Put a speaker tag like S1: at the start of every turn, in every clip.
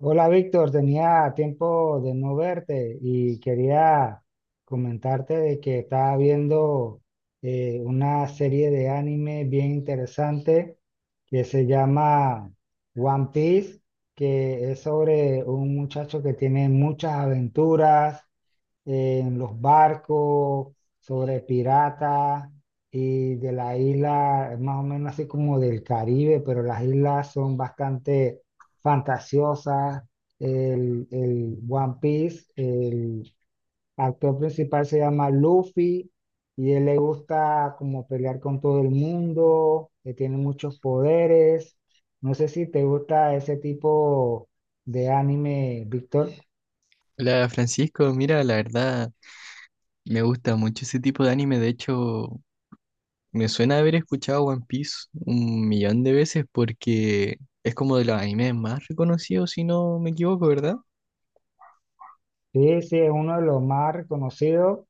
S1: Hola Víctor, tenía tiempo de no verte y quería comentarte de que estaba viendo una serie de anime bien interesante que se llama One Piece, que es sobre un muchacho que tiene muchas aventuras, en los barcos, sobre piratas y de la isla, más o menos así como del Caribe, pero las islas son bastante fantasiosas. El One Piece, el actor principal se llama Luffy y él le gusta como pelear con todo el mundo, que tiene muchos poderes. No sé si te gusta ese tipo de anime, Víctor.
S2: Hola Francisco, mira, la verdad me gusta mucho ese tipo de anime, de hecho me suena haber escuchado One Piece un millón de veces porque es como de los animes más reconocidos, si no me equivoco, ¿verdad?
S1: Sí, sí, es uno de los más reconocidos.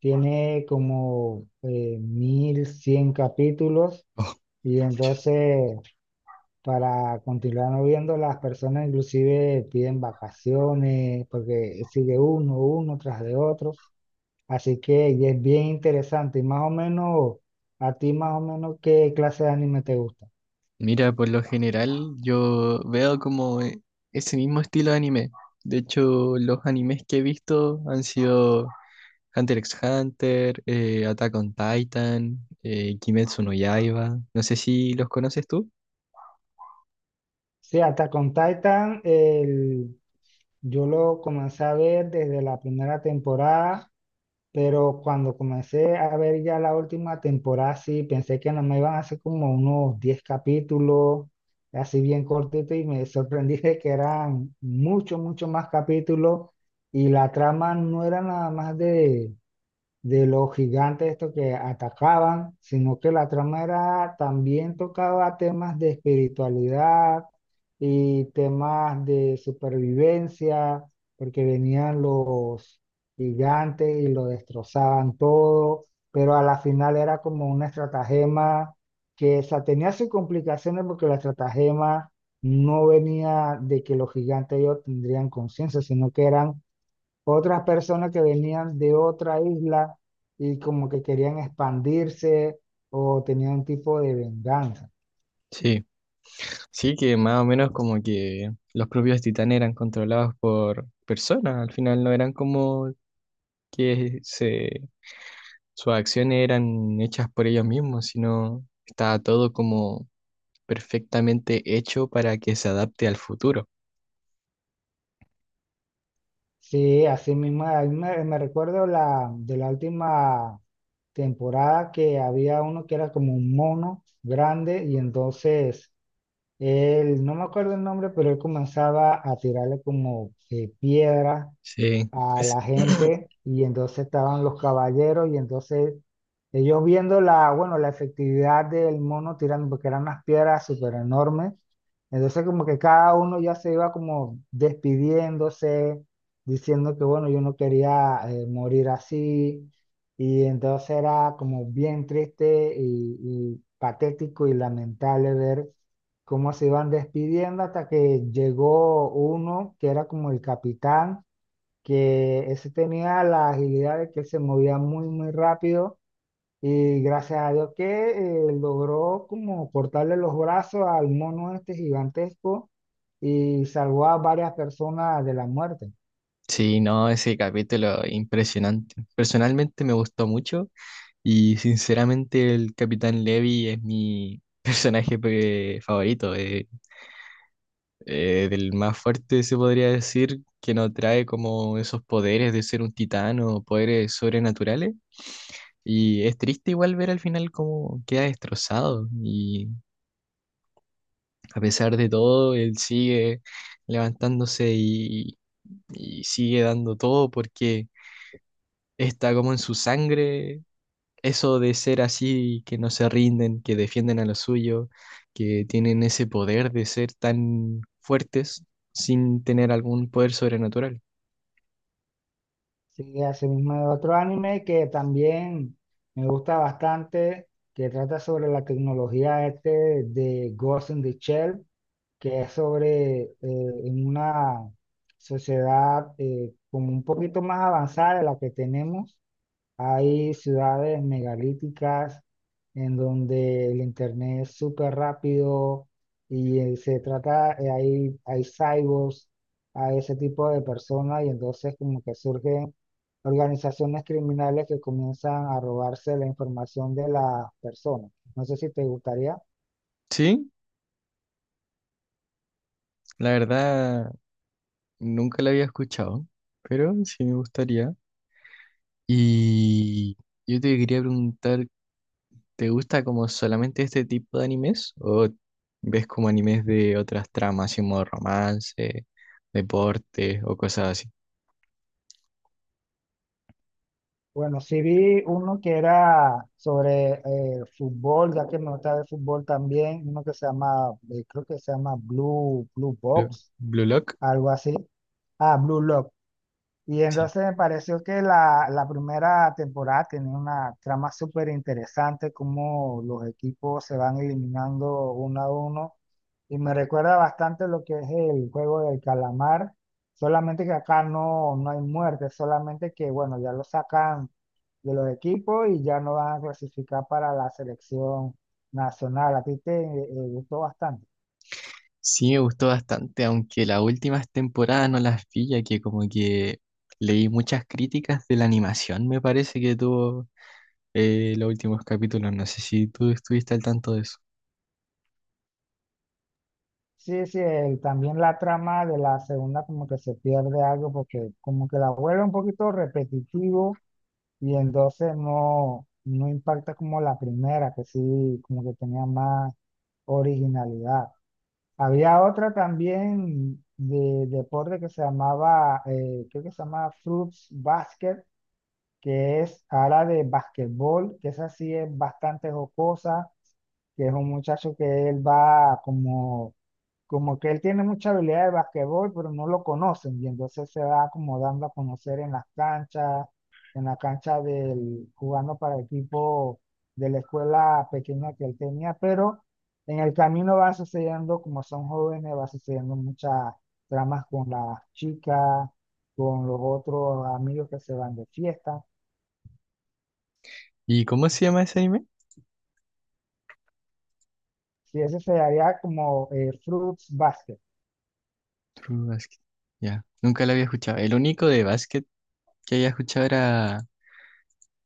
S1: Tiene como 1100 capítulos
S2: Oh,
S1: y
S2: muchas.
S1: entonces para continuar no viendo las personas inclusive piden vacaciones porque sigue uno, uno tras de otro. Así que y es bien interesante y más o menos, a ti más o menos qué clase de anime te gusta.
S2: Mira, por lo general yo veo como ese mismo estilo de anime, de hecho los animes que he visto han sido Hunter x Hunter, Attack on Titan, Kimetsu no Yaiba, no sé si los conoces tú.
S1: Sí, hasta con Titan yo lo comencé a ver desde la primera temporada. Pero cuando comencé a ver ya la última temporada, sí, pensé que no me iban a hacer como unos 10 capítulos, así bien cortito, y me sorprendí de que eran mucho, mucho más capítulos, y la trama no era nada más de los gigantes estos que atacaban, sino que la trama era, también tocaba temas de espiritualidad y temas de supervivencia, porque venían los gigantes y lo destrozaban todo, pero a la final era como una estratagema que o sea, tenía sus complicaciones porque la estratagema no venía de que los gigantes ellos tendrían conciencia, sino que eran otras personas que venían de otra isla y como que querían expandirse o tenían un tipo de venganza.
S2: Sí. Sí, que más o menos como que los propios titanes eran controlados por personas, al final no eran como que se, sus acciones eran hechas por ellos mismos, sino estaba todo como perfectamente hecho para que se adapte al futuro.
S1: Sí, así mismo, a mí me recuerdo la, de la última temporada que había uno que era como un mono grande y entonces él, no me acuerdo el nombre, pero él comenzaba a tirarle como piedras
S2: Sí,
S1: a la gente y entonces estaban los caballeros y entonces ellos viendo la, bueno, la efectividad del mono tirando, porque eran unas piedras súper enormes, entonces como que cada uno ya se iba como despidiéndose, diciendo que bueno, yo no quería morir así y entonces era como bien triste y patético y lamentable ver cómo se iban despidiendo hasta que llegó uno que era como el capitán que ese tenía la agilidad de que se movía muy, muy rápido y gracias a Dios que logró como cortarle los brazos al mono este gigantesco y salvó a varias personas de la muerte.
S2: sí, no, ese capítulo impresionante. Personalmente me gustó mucho y sinceramente el Capitán Levi es mi personaje favorito. Del más fuerte se podría decir, que no trae como esos poderes de ser un titán o poderes sobrenaturales. Y es triste igual ver al final cómo queda destrozado y a pesar de todo, él sigue levantándose y sigue dando todo porque está como en su sangre eso de ser así, que no se rinden, que defienden a lo suyo, que tienen ese poder de ser tan fuertes sin tener algún poder sobrenatural.
S1: Sí, así mismo hay otro anime que también me gusta bastante, que trata sobre la tecnología este de Ghost in the Shell, que es sobre en una sociedad como un poquito más avanzada de la que tenemos. Hay ciudades megalíticas en donde el internet es súper rápido y se trata, hay cyborgs, hay ese tipo de personas y entonces como que surgen organizaciones criminales que comienzan a robarse la información de las personas. No sé si te gustaría.
S2: Sí, la verdad nunca la había escuchado, pero sí me gustaría. Y yo te quería preguntar, ¿te gusta como solamente este tipo de animes o ves como animes de otras tramas, así como romance, deporte o cosas así?
S1: Bueno, sí vi uno que era sobre fútbol, ya que me gusta ver fútbol también, uno que se llama, creo que se llama Blue
S2: Blue,
S1: Box,
S2: Blue Lock,
S1: algo así. Ah, Blue Lock. Y
S2: sí.
S1: entonces me pareció que la primera temporada tenía una trama súper interesante, como los equipos se van eliminando uno a uno. Y me recuerda bastante lo que es el juego del calamar, solamente que acá no hay muerte, solamente que, bueno, ya lo sacan de los equipos y ya no van a clasificar para la selección nacional. A ti te gustó bastante.
S2: Sí me gustó bastante, aunque las últimas temporadas no las vi, ya que como que leí muchas críticas de la animación, me parece que tuvo los últimos capítulos. No sé si tú estuviste al tanto de eso.
S1: Sí, sí, también la trama de la segunda como que se pierde algo porque como que la vuelve un poquito repetitivo y entonces no impacta como la primera, que sí, como que tenía más originalidad. Había otra también de deporte que se llamaba, creo que se llamaba Fruits Basket, que es ala de basquetbol, que esa sí es bastante jocosa, que es un muchacho que él va como, como que él tiene mucha habilidad de basquetbol, pero no lo conocen, y entonces se va como dando a conocer en las canchas, en la cancha del, jugando para el equipo de la escuela pequeña que él tenía, pero en el camino va sucediendo, como son jóvenes, va sucediendo muchas tramas con las chicas, con los otros amigos que se van de fiesta.
S2: ¿Y cómo se llama ese anime?
S1: Sí, ese sería como Fruits Basket.
S2: True Basket. Ya, nunca lo había escuchado. El único de básquet que había escuchado era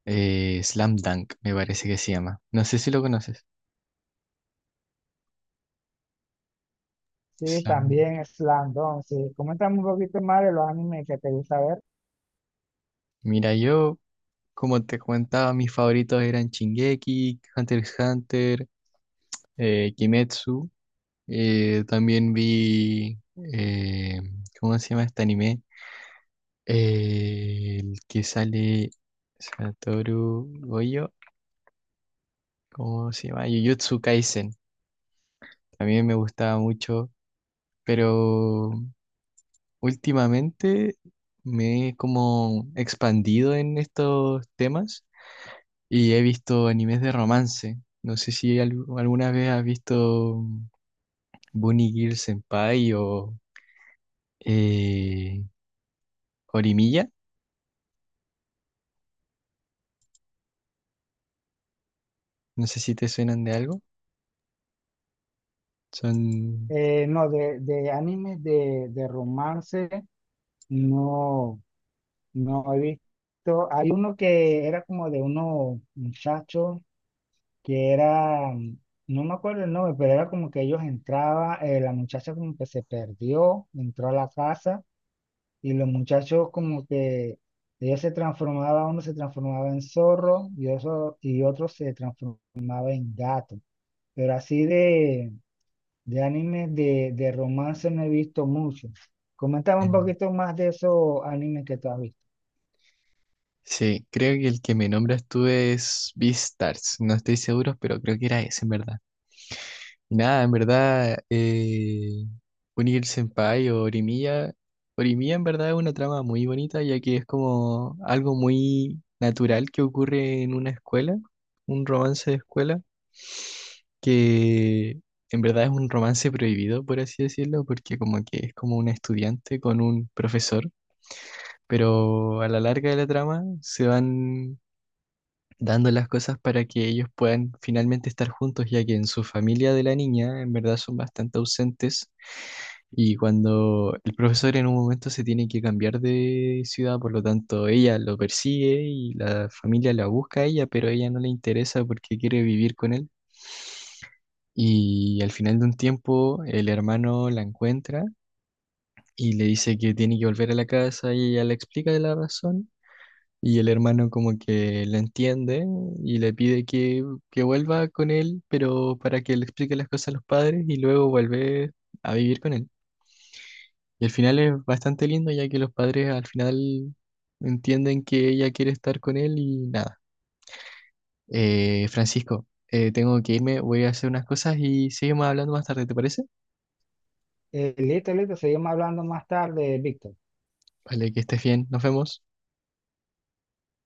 S2: Slam Dunk, me parece que se llama. No sé si lo conoces.
S1: Sí,
S2: Slam.
S1: también Slam Dunk. Sí, coméntame un poquito más de los animes que te gusta ver.
S2: Mira, yo, como te comentaba, mis favoritos eran Shingeki, Hunter x Hunter, Kimetsu. También vi, eh, ¿cómo se llama este anime? El que sale Satoru Goyo, ¿cómo se llama? Jujutsu Kaisen. También me gustaba mucho, pero últimamente me he como expandido en estos temas y he visto animes de romance. No sé si alguna vez has visto Bunny Girl Senpai o eh, Horimiya. No sé si te suenan de algo. Son...
S1: No, de animes de romance, no, no he visto. Hay uno que era como de unos muchachos que era, no me acuerdo el nombre, pero era como que ellos entraban, la muchacha como que se perdió, entró a la casa. Y los muchachos como que ellos se transformaban, uno se transformaba en zorro y otro se transformaba en gato. Pero así de animes de romance no he visto mucho. Coméntame un poquito más de esos animes que tú has visto.
S2: Sí, creo que el que me nombras tú es Beastars. No estoy seguro, pero creo que era ese, en verdad. Y nada, en verdad, Unir Senpai o Orimiya. Orimiya, en verdad, es una trama muy bonita, ya que es como algo muy natural que ocurre en una escuela, un romance de escuela, que en verdad es un romance prohibido, por así decirlo, porque como que es como un estudiante con un profesor. Pero a la larga de la trama se van dando las cosas para que ellos puedan finalmente estar juntos, ya que en su familia de la niña en verdad son bastante ausentes y cuando el profesor en un momento se tiene que cambiar de ciudad, por lo tanto ella lo persigue y la familia la busca a ella, pero a ella no le interesa porque quiere vivir con él y al final de un tiempo el hermano la encuentra. Y le dice que tiene que volver a la casa y ella le explica la razón. Y el hermano como que la entiende y le pide que vuelva con él, pero para que le explique las cosas a los padres y luego vuelve a vivir con él. Y el final es bastante lindo ya que los padres al final entienden que ella quiere estar con él y nada. Francisco, tengo que irme, voy a hacer unas cosas y seguimos hablando más tarde, ¿te parece?
S1: Listo, listo, seguimos hablando más tarde, Víctor.
S2: Vale, que estés bien, nos vemos.